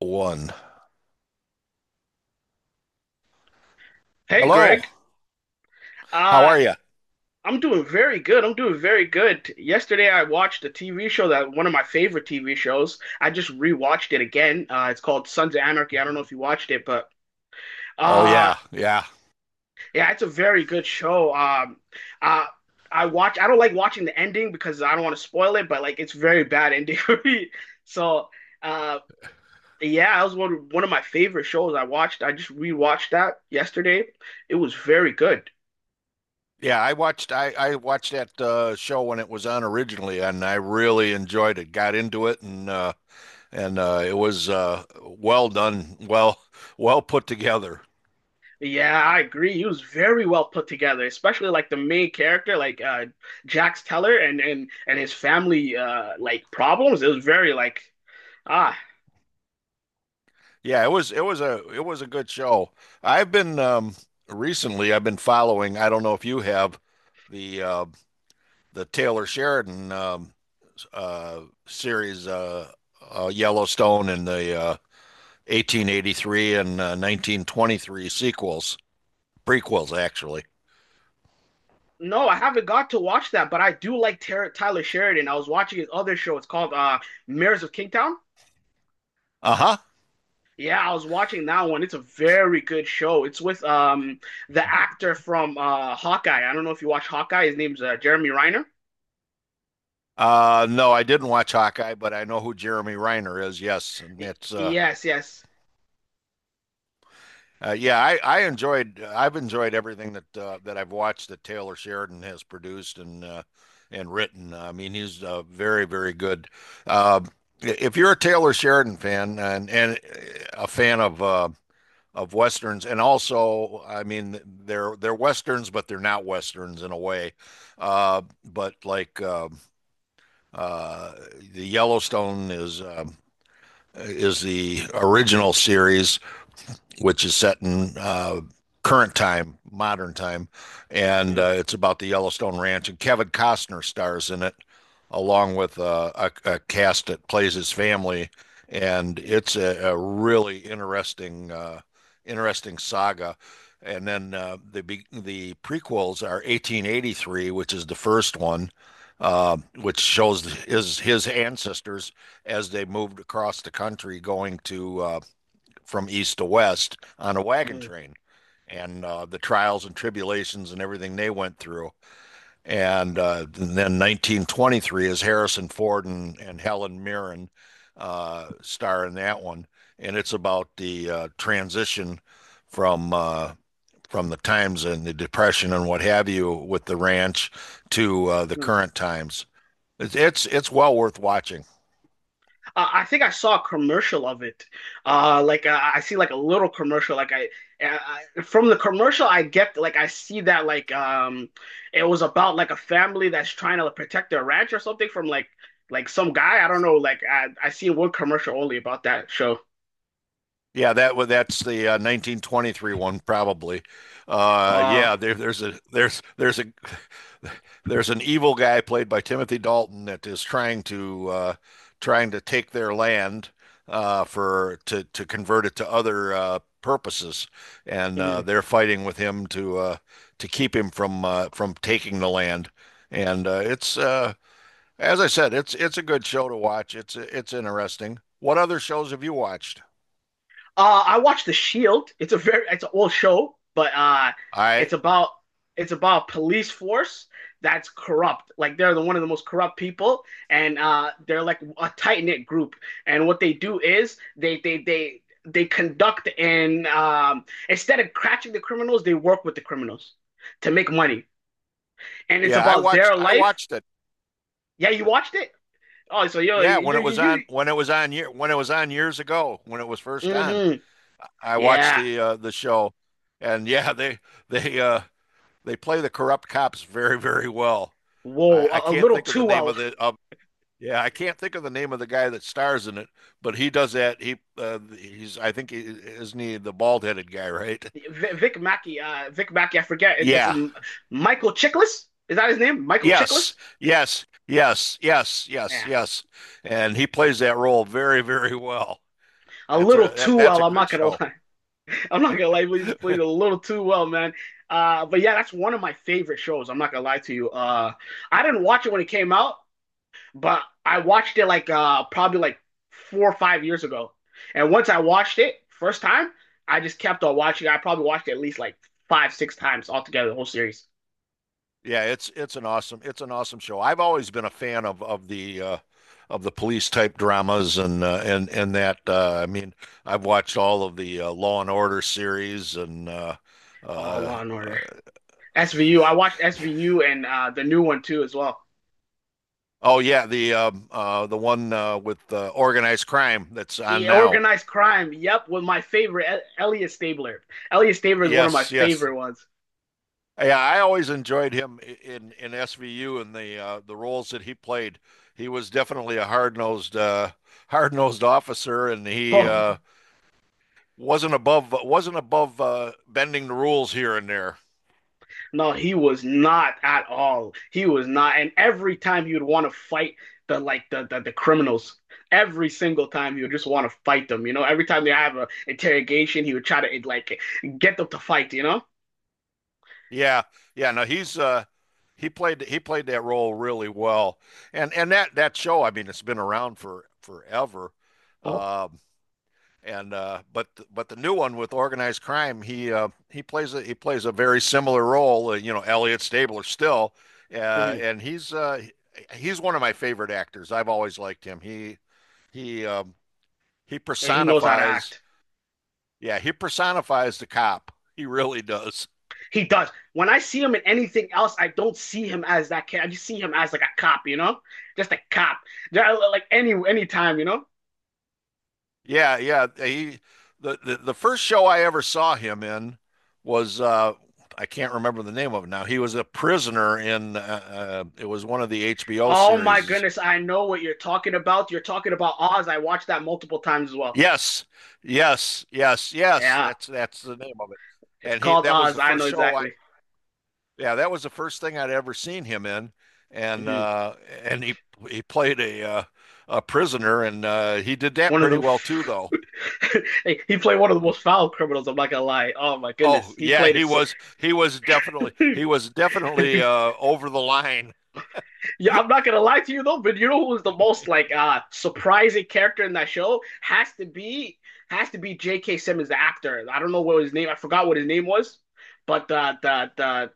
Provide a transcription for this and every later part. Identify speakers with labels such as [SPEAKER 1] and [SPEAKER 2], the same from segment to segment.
[SPEAKER 1] one.
[SPEAKER 2] Hey,
[SPEAKER 1] Hello.
[SPEAKER 2] Greg.
[SPEAKER 1] How
[SPEAKER 2] Uh,
[SPEAKER 1] are you?
[SPEAKER 2] I'm doing very good. I'm doing very good. Yesterday, I watched a TV show that one of my favorite TV shows. I just rewatched it again. Uh, it's called Sons of Anarchy. I don't know if you watched it, but
[SPEAKER 1] Oh
[SPEAKER 2] uh,
[SPEAKER 1] yeah, yeah.
[SPEAKER 2] yeah, it's a very good show. Um, uh, I watch. I don't like watching the ending because I don't want to spoil it, but like it's very bad ending for me. So, uh, yeah, that was one one of my favorite shows I watched. I just rewatched that yesterday. It was very good.
[SPEAKER 1] Yeah, I watched I I watched that uh show when it was on originally and I really enjoyed it. Got into it and uh and uh it was uh well done, well well put together.
[SPEAKER 2] Yeah, I agree. He was very well put together, especially like the main character, like uh Jax Teller and and and his family uh like problems. It was very like ah
[SPEAKER 1] Yeah, it was it was a it was a good show. I've been um recently I've been following, I don't know if you have the uh the Taylor Sheridan um uh series uh, uh Yellowstone and the uh, 1883 and uh, 1923 sequels, prequels, actually.
[SPEAKER 2] no, I haven't got to watch that, but I do like Tyler Tyler Sheridan. I was watching his other show. It's called uh Mirrors of Kingstown.
[SPEAKER 1] Uh huh.
[SPEAKER 2] Yeah, I was watching that one. It's a very good show. It's with um the actor from uh Hawkeye. I don't know if you watch Hawkeye. His name's uh, Jeremy Renner.
[SPEAKER 1] Uh, no, I didn't watch Hawkeye, but I know who Jeremy Reiner is. Yes, and
[SPEAKER 2] Y-
[SPEAKER 1] it's uh,
[SPEAKER 2] yes, yes.
[SPEAKER 1] uh yeah, I, I enjoyed I've enjoyed everything that uh, that I've watched that Taylor Sheridan has produced and uh, and written. I mean, he's uh, very very good. Uh, if you're a Taylor Sheridan fan and and a fan of uh, of westerns and also i mean they're they're westerns but they're not westerns in a way uh but like uh, uh the yellowstone is um is the original series which is set in uh, current time, modern time, and
[SPEAKER 2] Mm,
[SPEAKER 1] uh, it's about the Yellowstone Ranch. And Kevin Costner stars in it, along with uh, a, a cast that plays his family, and
[SPEAKER 2] mm,
[SPEAKER 1] it's a, a really interesting, uh, interesting saga. And then uh, the the prequels are 1883, which is the first one, uh, which shows his his ancestors as they moved across the country, going to uh, from east to west on a wagon
[SPEAKER 2] mm,
[SPEAKER 1] train and uh, the trials and tribulations and everything they went through. And, uh, and then 1923 is Harrison Ford and, and Helen Mirren uh, star in that one. And it's about the uh, transition from uh, from the times and the depression and what have you with the ranch to uh, the
[SPEAKER 2] mm.
[SPEAKER 1] current times. It's, it's it's well worth watching.
[SPEAKER 2] Uh, I think I saw a commercial of it. Uh, like uh, I see like a little commercial. Like I, uh, I from the commercial, I get like I see that like um, it was about like a family that's trying to protect their ranch or something from like like some guy. I don't know. Like I I seen one commercial only about that show.
[SPEAKER 1] Yeah, that wa- that's the uh, 1923 one probably. Uh,
[SPEAKER 2] Uh,
[SPEAKER 1] yeah, there, there's a there's there's a there's an evil guy played by Timothy Dalton that is trying to uh, trying to take their land uh, for to to convert it to other uh, purposes, and uh, they're fighting with him to uh, to keep him from uh, from taking the land. And uh, it's uh, as I said, it's it's a good show to watch. It's it's interesting. What other shows have you watched?
[SPEAKER 2] Uh, I watched The Shield. It's a very it's an old show, but uh,
[SPEAKER 1] I
[SPEAKER 2] it's about it's about police force that's corrupt. Like they're the one of the most corrupt people, and uh, they're like a tight knit group. And what they do is they they they they conduct and um, instead of catching the criminals, they work with the criminals to make money. And it's
[SPEAKER 1] Yeah, I
[SPEAKER 2] about
[SPEAKER 1] watched
[SPEAKER 2] their
[SPEAKER 1] I
[SPEAKER 2] life.
[SPEAKER 1] watched it.
[SPEAKER 2] Yeah, you watched it? Oh, so yo,
[SPEAKER 1] Yeah, when
[SPEAKER 2] you
[SPEAKER 1] it was
[SPEAKER 2] you
[SPEAKER 1] on when it was on year when it was on years ago, when it was first
[SPEAKER 2] you.
[SPEAKER 1] on.
[SPEAKER 2] hmm
[SPEAKER 1] I watched
[SPEAKER 2] Yeah.
[SPEAKER 1] the uh the show and yeah, they they uh they play the corrupt cops very, very well.
[SPEAKER 2] Whoa,
[SPEAKER 1] I, I
[SPEAKER 2] a, a
[SPEAKER 1] can't
[SPEAKER 2] little
[SPEAKER 1] think of the
[SPEAKER 2] too
[SPEAKER 1] name
[SPEAKER 2] well.
[SPEAKER 1] of the of yeah, I can't think of the name of the guy that stars in it, but he does that. He uh, he's I think he, isn't he the bald-headed guy, right?
[SPEAKER 2] Vic, Mackey, uh, Vic Mackey, I forget. It, it's
[SPEAKER 1] Yeah.
[SPEAKER 2] in Michael Chiklis. Is that his name? Michael
[SPEAKER 1] Yes.
[SPEAKER 2] Chiklis.
[SPEAKER 1] Yes. Yes. Yes. Yes.
[SPEAKER 2] Yeah,
[SPEAKER 1] Yes. And he plays that role very, very well.
[SPEAKER 2] a
[SPEAKER 1] That's
[SPEAKER 2] little
[SPEAKER 1] a that,
[SPEAKER 2] too
[SPEAKER 1] that's
[SPEAKER 2] well.
[SPEAKER 1] a
[SPEAKER 2] I'm
[SPEAKER 1] good
[SPEAKER 2] not gonna
[SPEAKER 1] show.
[SPEAKER 2] lie. I'm not gonna lie. Please, please, a little too well, man. Uh, but yeah, that's one of my favorite shows. I'm not gonna lie to you. Uh, I didn't watch it when it came out, but I watched it like uh probably like four or five years ago. And once I watched it first time, I just kept on watching. I probably watched it at least like five, six times altogether, the whole series.
[SPEAKER 1] Yeah, it's it's an awesome it's an awesome show. I've always been a fan of of the uh of the police type dramas and uh, and and that uh I mean, I've watched all of the uh, Law and Order series and uh
[SPEAKER 2] Oh,
[SPEAKER 1] uh
[SPEAKER 2] Law and Order.
[SPEAKER 1] uh,
[SPEAKER 2] S V U. I watched SVU and uh, the new one too as well.
[SPEAKER 1] oh yeah, the um uh the one uh with uh, organized crime that's on
[SPEAKER 2] Yeah,
[SPEAKER 1] now.
[SPEAKER 2] organized crime. Yep, with my favorite E- Elliot Stabler. Elliot Stabler is one of my
[SPEAKER 1] Yes, yes.
[SPEAKER 2] favorite ones.
[SPEAKER 1] Yeah, I always enjoyed him in in SVU and the uh, the roles that he played. He was definitely a hard-nosed uh, hard-nosed officer, and he
[SPEAKER 2] Oh
[SPEAKER 1] uh, wasn't above wasn't above uh, bending the rules here and there.
[SPEAKER 2] no, he was not at all. He was not. And every time he would want to fight the like the, the the criminals. Every single time he would just want to fight them. You know, every time they have a interrogation, he would try to like get them to fight. You know.
[SPEAKER 1] Yeah, yeah. No, he's uh, he played he played that role really well, and and that that show. I mean, it's been around for forever.
[SPEAKER 2] Oh,
[SPEAKER 1] Um, and uh, but but the new one with organized crime, he uh, he plays a he plays a very similar role. Uh, you know, Elliot Stabler still, uh,
[SPEAKER 2] hmm
[SPEAKER 1] and he's uh, he's one of my favorite actors. I've always liked him. He he um, he
[SPEAKER 2] he knows how to
[SPEAKER 1] personifies
[SPEAKER 2] act.
[SPEAKER 1] yeah he personifies the cop. He really does.
[SPEAKER 2] He does. When I see him in anything else, I don't see him as that kid. I just see him as like a cop, you know, just a cop. Yeah, Like any any time, you know.
[SPEAKER 1] Yeah yeah he the the, the first show I ever saw him in was uh, I can't remember the name of it now. He was a prisoner in uh, uh, it was one of the HBO
[SPEAKER 2] Oh my
[SPEAKER 1] series
[SPEAKER 2] goodness, I know what you're talking about. You're talking about Oz. I watched that multiple times as well.
[SPEAKER 1] Yes, yes, yes, yes.
[SPEAKER 2] Yeah,
[SPEAKER 1] That's that's the name of it.
[SPEAKER 2] it's
[SPEAKER 1] And he
[SPEAKER 2] called
[SPEAKER 1] that was the
[SPEAKER 2] Oz. I
[SPEAKER 1] first
[SPEAKER 2] know
[SPEAKER 1] show I
[SPEAKER 2] exactly.
[SPEAKER 1] yeah, that was the first thing I'd ever seen him in. And
[SPEAKER 2] hmm
[SPEAKER 1] uh and he he played a uh a prisoner and uh he did that
[SPEAKER 2] One of
[SPEAKER 1] pretty
[SPEAKER 2] the
[SPEAKER 1] well too though.
[SPEAKER 2] hey, he played one of the
[SPEAKER 1] Yeah.
[SPEAKER 2] most foul criminals. I'm not gonna lie. Oh my
[SPEAKER 1] Oh,
[SPEAKER 2] goodness, he
[SPEAKER 1] yeah,
[SPEAKER 2] played
[SPEAKER 1] he
[SPEAKER 2] it so.
[SPEAKER 1] was he was definitely he was definitely uh over the line.
[SPEAKER 2] Yeah, I'm not gonna lie to you though, but you know who was the most like uh surprising character in that show has to be has to be J.K. Simmons, the actor. I don't know what his name. I forgot what his name was, but the the the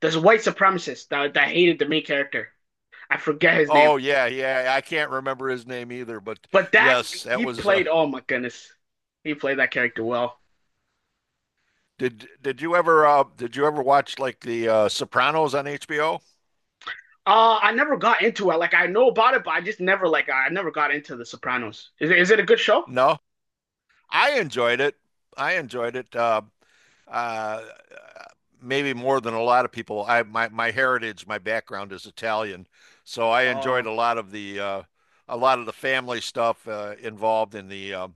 [SPEAKER 2] this white supremacist that that hated the main character. I forget his name,
[SPEAKER 1] Oh yeah, yeah. I can't remember his name either, but
[SPEAKER 2] but that
[SPEAKER 1] yes, that
[SPEAKER 2] he
[SPEAKER 1] was uh
[SPEAKER 2] played. Oh my goodness, he played that character well.
[SPEAKER 1] did did you ever uh did you ever watch like the uh Sopranos on HBO?
[SPEAKER 2] Uh, I never got into it. Like I know about it, but I just never like I never got into The Sopranos. Is it, is it a good show?
[SPEAKER 1] No, I enjoyed it. I enjoyed it. Uh, uh, maybe more than a lot of people. I my my heritage, my background is Italian, so I enjoyed
[SPEAKER 2] Uh,
[SPEAKER 1] a lot of the uh, a lot of the family stuff uh, involved in the um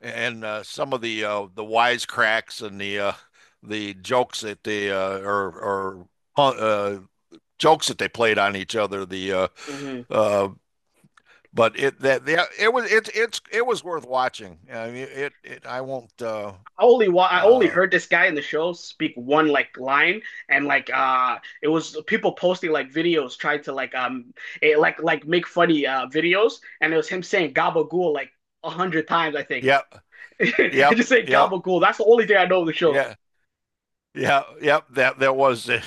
[SPEAKER 1] and uh, some of the uh, the wisecracks and the uh, the jokes that they uh, or or uh, jokes that they played on each other. The uh,
[SPEAKER 2] mhm.
[SPEAKER 1] uh, but it that the, it was it it's it was worth watching. I mean, it it I won't uh,
[SPEAKER 2] I only wa I only
[SPEAKER 1] Uh,
[SPEAKER 2] heard this guy in the show speak one like line and like uh it was people posting like videos trying to like um eh, like like make funny uh videos and it was him saying gabagool like a hundred times I think
[SPEAKER 1] yep,
[SPEAKER 2] He
[SPEAKER 1] yep,
[SPEAKER 2] just saying
[SPEAKER 1] yep,
[SPEAKER 2] gabagool that's the only thing I know of the show.
[SPEAKER 1] yeah, yeah, yep. That that was it.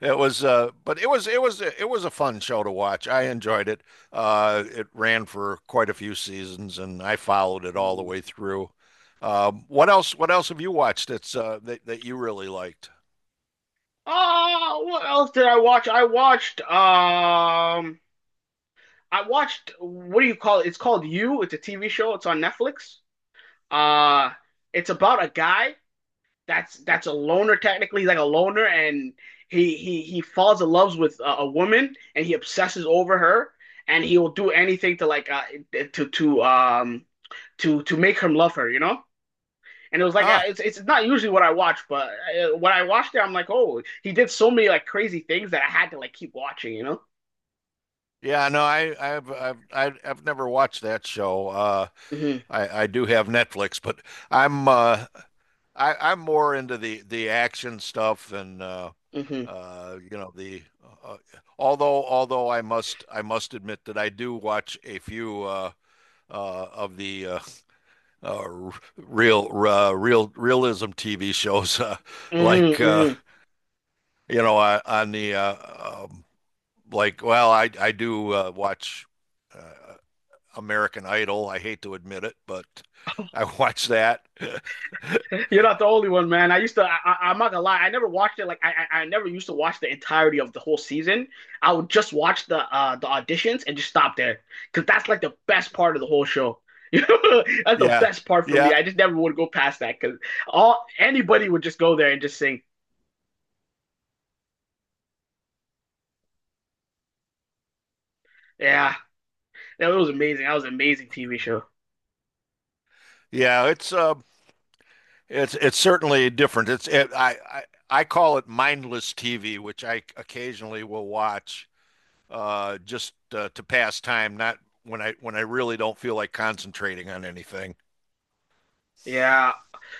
[SPEAKER 1] It was, uh, but it was it was it was a fun show to watch. I enjoyed it. Uh, it ran for quite a few seasons, and I followed it all the
[SPEAKER 2] Mm.
[SPEAKER 1] way through. Um, what else? What else have you watched that's uh, that that you really liked?
[SPEAKER 2] Oh, what else did I watch? I watched um I watched what do you call it? It's called You. It's a TV show. It's on Netflix. Uh it's about a guy that's that's a loner technically. He's like a loner, and he he he falls in love with a, a woman, and he obsesses over her, and he will do anything to like uh, to to um to to make her love her, you know. And it was like uh,
[SPEAKER 1] Ah,
[SPEAKER 2] it's it's not usually what I watch, but uh, when I watched it, I'm like, oh, he did so many like crazy things that I had to like keep watching, you know.
[SPEAKER 1] yeah, no, I I've I've I've I've never watched that show. Uh,
[SPEAKER 2] hmm
[SPEAKER 1] I I do have Netflix, but I'm uh I I'm more into the the action stuff and uh
[SPEAKER 2] hmm
[SPEAKER 1] Uh, you know the uh, although although I must I must admit that I do watch a few uh, uh, of the uh, uh, real uh, real realism TV shows uh,
[SPEAKER 2] hmm
[SPEAKER 1] like uh,
[SPEAKER 2] hmm
[SPEAKER 1] you know uh, on the uh, um, like well I I do uh, watch uh, American Idol. I hate to admit it, but I watch that.
[SPEAKER 2] You're not the only one, man. I used to. I, am not gonna lie. I never watched it. Like I, I, I never used to watch the entirety of the whole season. I would just watch the uh the auditions and just stop there because that's like the best part of the whole show. that's the
[SPEAKER 1] Yeah,
[SPEAKER 2] best part for me.
[SPEAKER 1] yeah,
[SPEAKER 2] I just never would go past that because all anybody would just go there and just sing. Yeah, that was amazing. That was an amazing TV show.
[SPEAKER 1] yeah. It's um It's it's certainly different. It's it, I, I I call it mindless TV, which I occasionally will watch uh, just uh, to pass time, not when I when I really don't feel like concentrating on anything.
[SPEAKER 2] Yeah.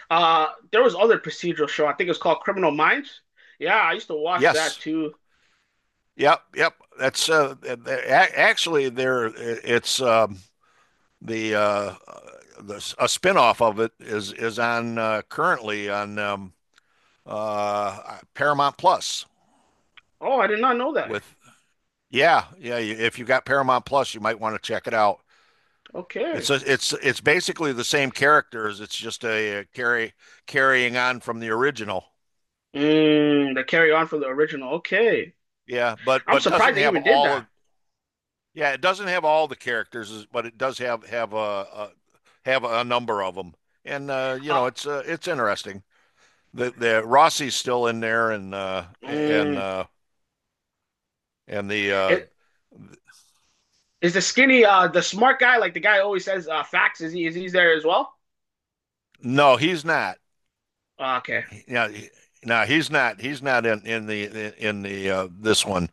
[SPEAKER 2] Uh, there was other procedural show. I think it was called Criminal Minds. Yeah, I used to watch that
[SPEAKER 1] Yes,
[SPEAKER 2] too.
[SPEAKER 1] yep, yep. That's uh, actually there. It's um, the uh, the a spinoff of it is is on uh, currently on um, uh, Paramount Plus
[SPEAKER 2] Oh, I did not know that.
[SPEAKER 1] with yeah yeah. If you got Paramount Plus, you might want to check it out.
[SPEAKER 2] Okay.
[SPEAKER 1] It's a, it's it's basically the same characters. It's just a, a carry carrying on from the original.
[SPEAKER 2] Mm, the carry on from the original. Okay.
[SPEAKER 1] Yeah, but
[SPEAKER 2] I'm
[SPEAKER 1] but doesn't
[SPEAKER 2] surprised they
[SPEAKER 1] have
[SPEAKER 2] even did
[SPEAKER 1] all of
[SPEAKER 2] that.
[SPEAKER 1] yeah, it doesn't have all the characters, but it does have have a, a have a number of them. And uh, you
[SPEAKER 2] Uh,
[SPEAKER 1] know, it's uh, it's interesting. The the Rossi's still in there, and uh, and
[SPEAKER 2] mm,
[SPEAKER 1] uh, and the uh,
[SPEAKER 2] it, is, the skinny, uh, the smart guy, like the guy always says, uh, facts, is he, is he there as well?
[SPEAKER 1] no, he's not.
[SPEAKER 2] Uh, okay.
[SPEAKER 1] Yeah, he- no, he's not. He's not in in the in the uh, this one.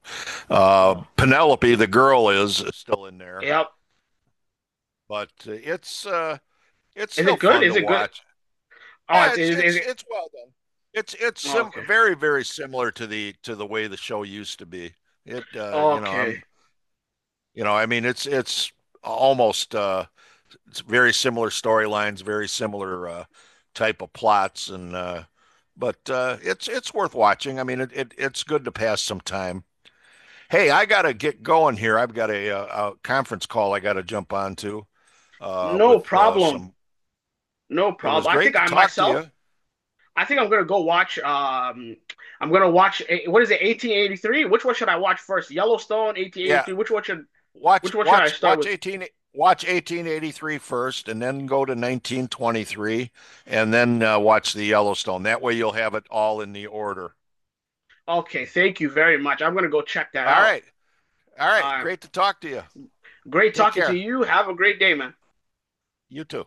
[SPEAKER 1] Uh,
[SPEAKER 2] Oh,
[SPEAKER 1] Penelope, the girl, is still in there.
[SPEAKER 2] yep.
[SPEAKER 1] but uh, it's uh, it's
[SPEAKER 2] Is
[SPEAKER 1] still
[SPEAKER 2] it good?
[SPEAKER 1] fun
[SPEAKER 2] Is
[SPEAKER 1] to
[SPEAKER 2] it good?
[SPEAKER 1] watch.
[SPEAKER 2] Oh,
[SPEAKER 1] Yeah,
[SPEAKER 2] it's,
[SPEAKER 1] it's
[SPEAKER 2] is, is
[SPEAKER 1] it's
[SPEAKER 2] it?
[SPEAKER 1] it's well done. It's it's
[SPEAKER 2] oh,
[SPEAKER 1] sim-
[SPEAKER 2] Okay.
[SPEAKER 1] very very similar to the to the way the show used to be. It uh, you know
[SPEAKER 2] Okay.
[SPEAKER 1] I'm you know I mean it's it's almost uh, it's very similar storylines, very similar uh, type of plots, and uh, but uh, it's it's worth watching. I mean, it, it it's good to pass some time. Hey, I gotta get going here. I've got a, a, a conference call I gotta jump on to uh,
[SPEAKER 2] No
[SPEAKER 1] with uh,
[SPEAKER 2] problem.
[SPEAKER 1] some
[SPEAKER 2] No
[SPEAKER 1] It was
[SPEAKER 2] problem. I
[SPEAKER 1] great
[SPEAKER 2] think
[SPEAKER 1] to
[SPEAKER 2] I
[SPEAKER 1] talk to
[SPEAKER 2] myself,
[SPEAKER 1] you.
[SPEAKER 2] I think I'm gonna go watch, um, I'm gonna watch, eh, what is it, 1883? Which one should I watch first? Yellowstone,
[SPEAKER 1] Yeah,
[SPEAKER 2] 1883. Which one should,
[SPEAKER 1] watch
[SPEAKER 2] which one should I
[SPEAKER 1] watch
[SPEAKER 2] start
[SPEAKER 1] watch
[SPEAKER 2] with?
[SPEAKER 1] 18 watch 1883 first, and then go to 1923 and then uh, watch the Yellowstone. That way you'll have it all in the order.
[SPEAKER 2] Okay, thank you very much. I'm gonna go check that
[SPEAKER 1] All
[SPEAKER 2] out.
[SPEAKER 1] right. All right.
[SPEAKER 2] Uh,
[SPEAKER 1] Great to talk to you.
[SPEAKER 2] great
[SPEAKER 1] Take
[SPEAKER 2] talking to
[SPEAKER 1] care.
[SPEAKER 2] you. Have a great day, man.
[SPEAKER 1] You too.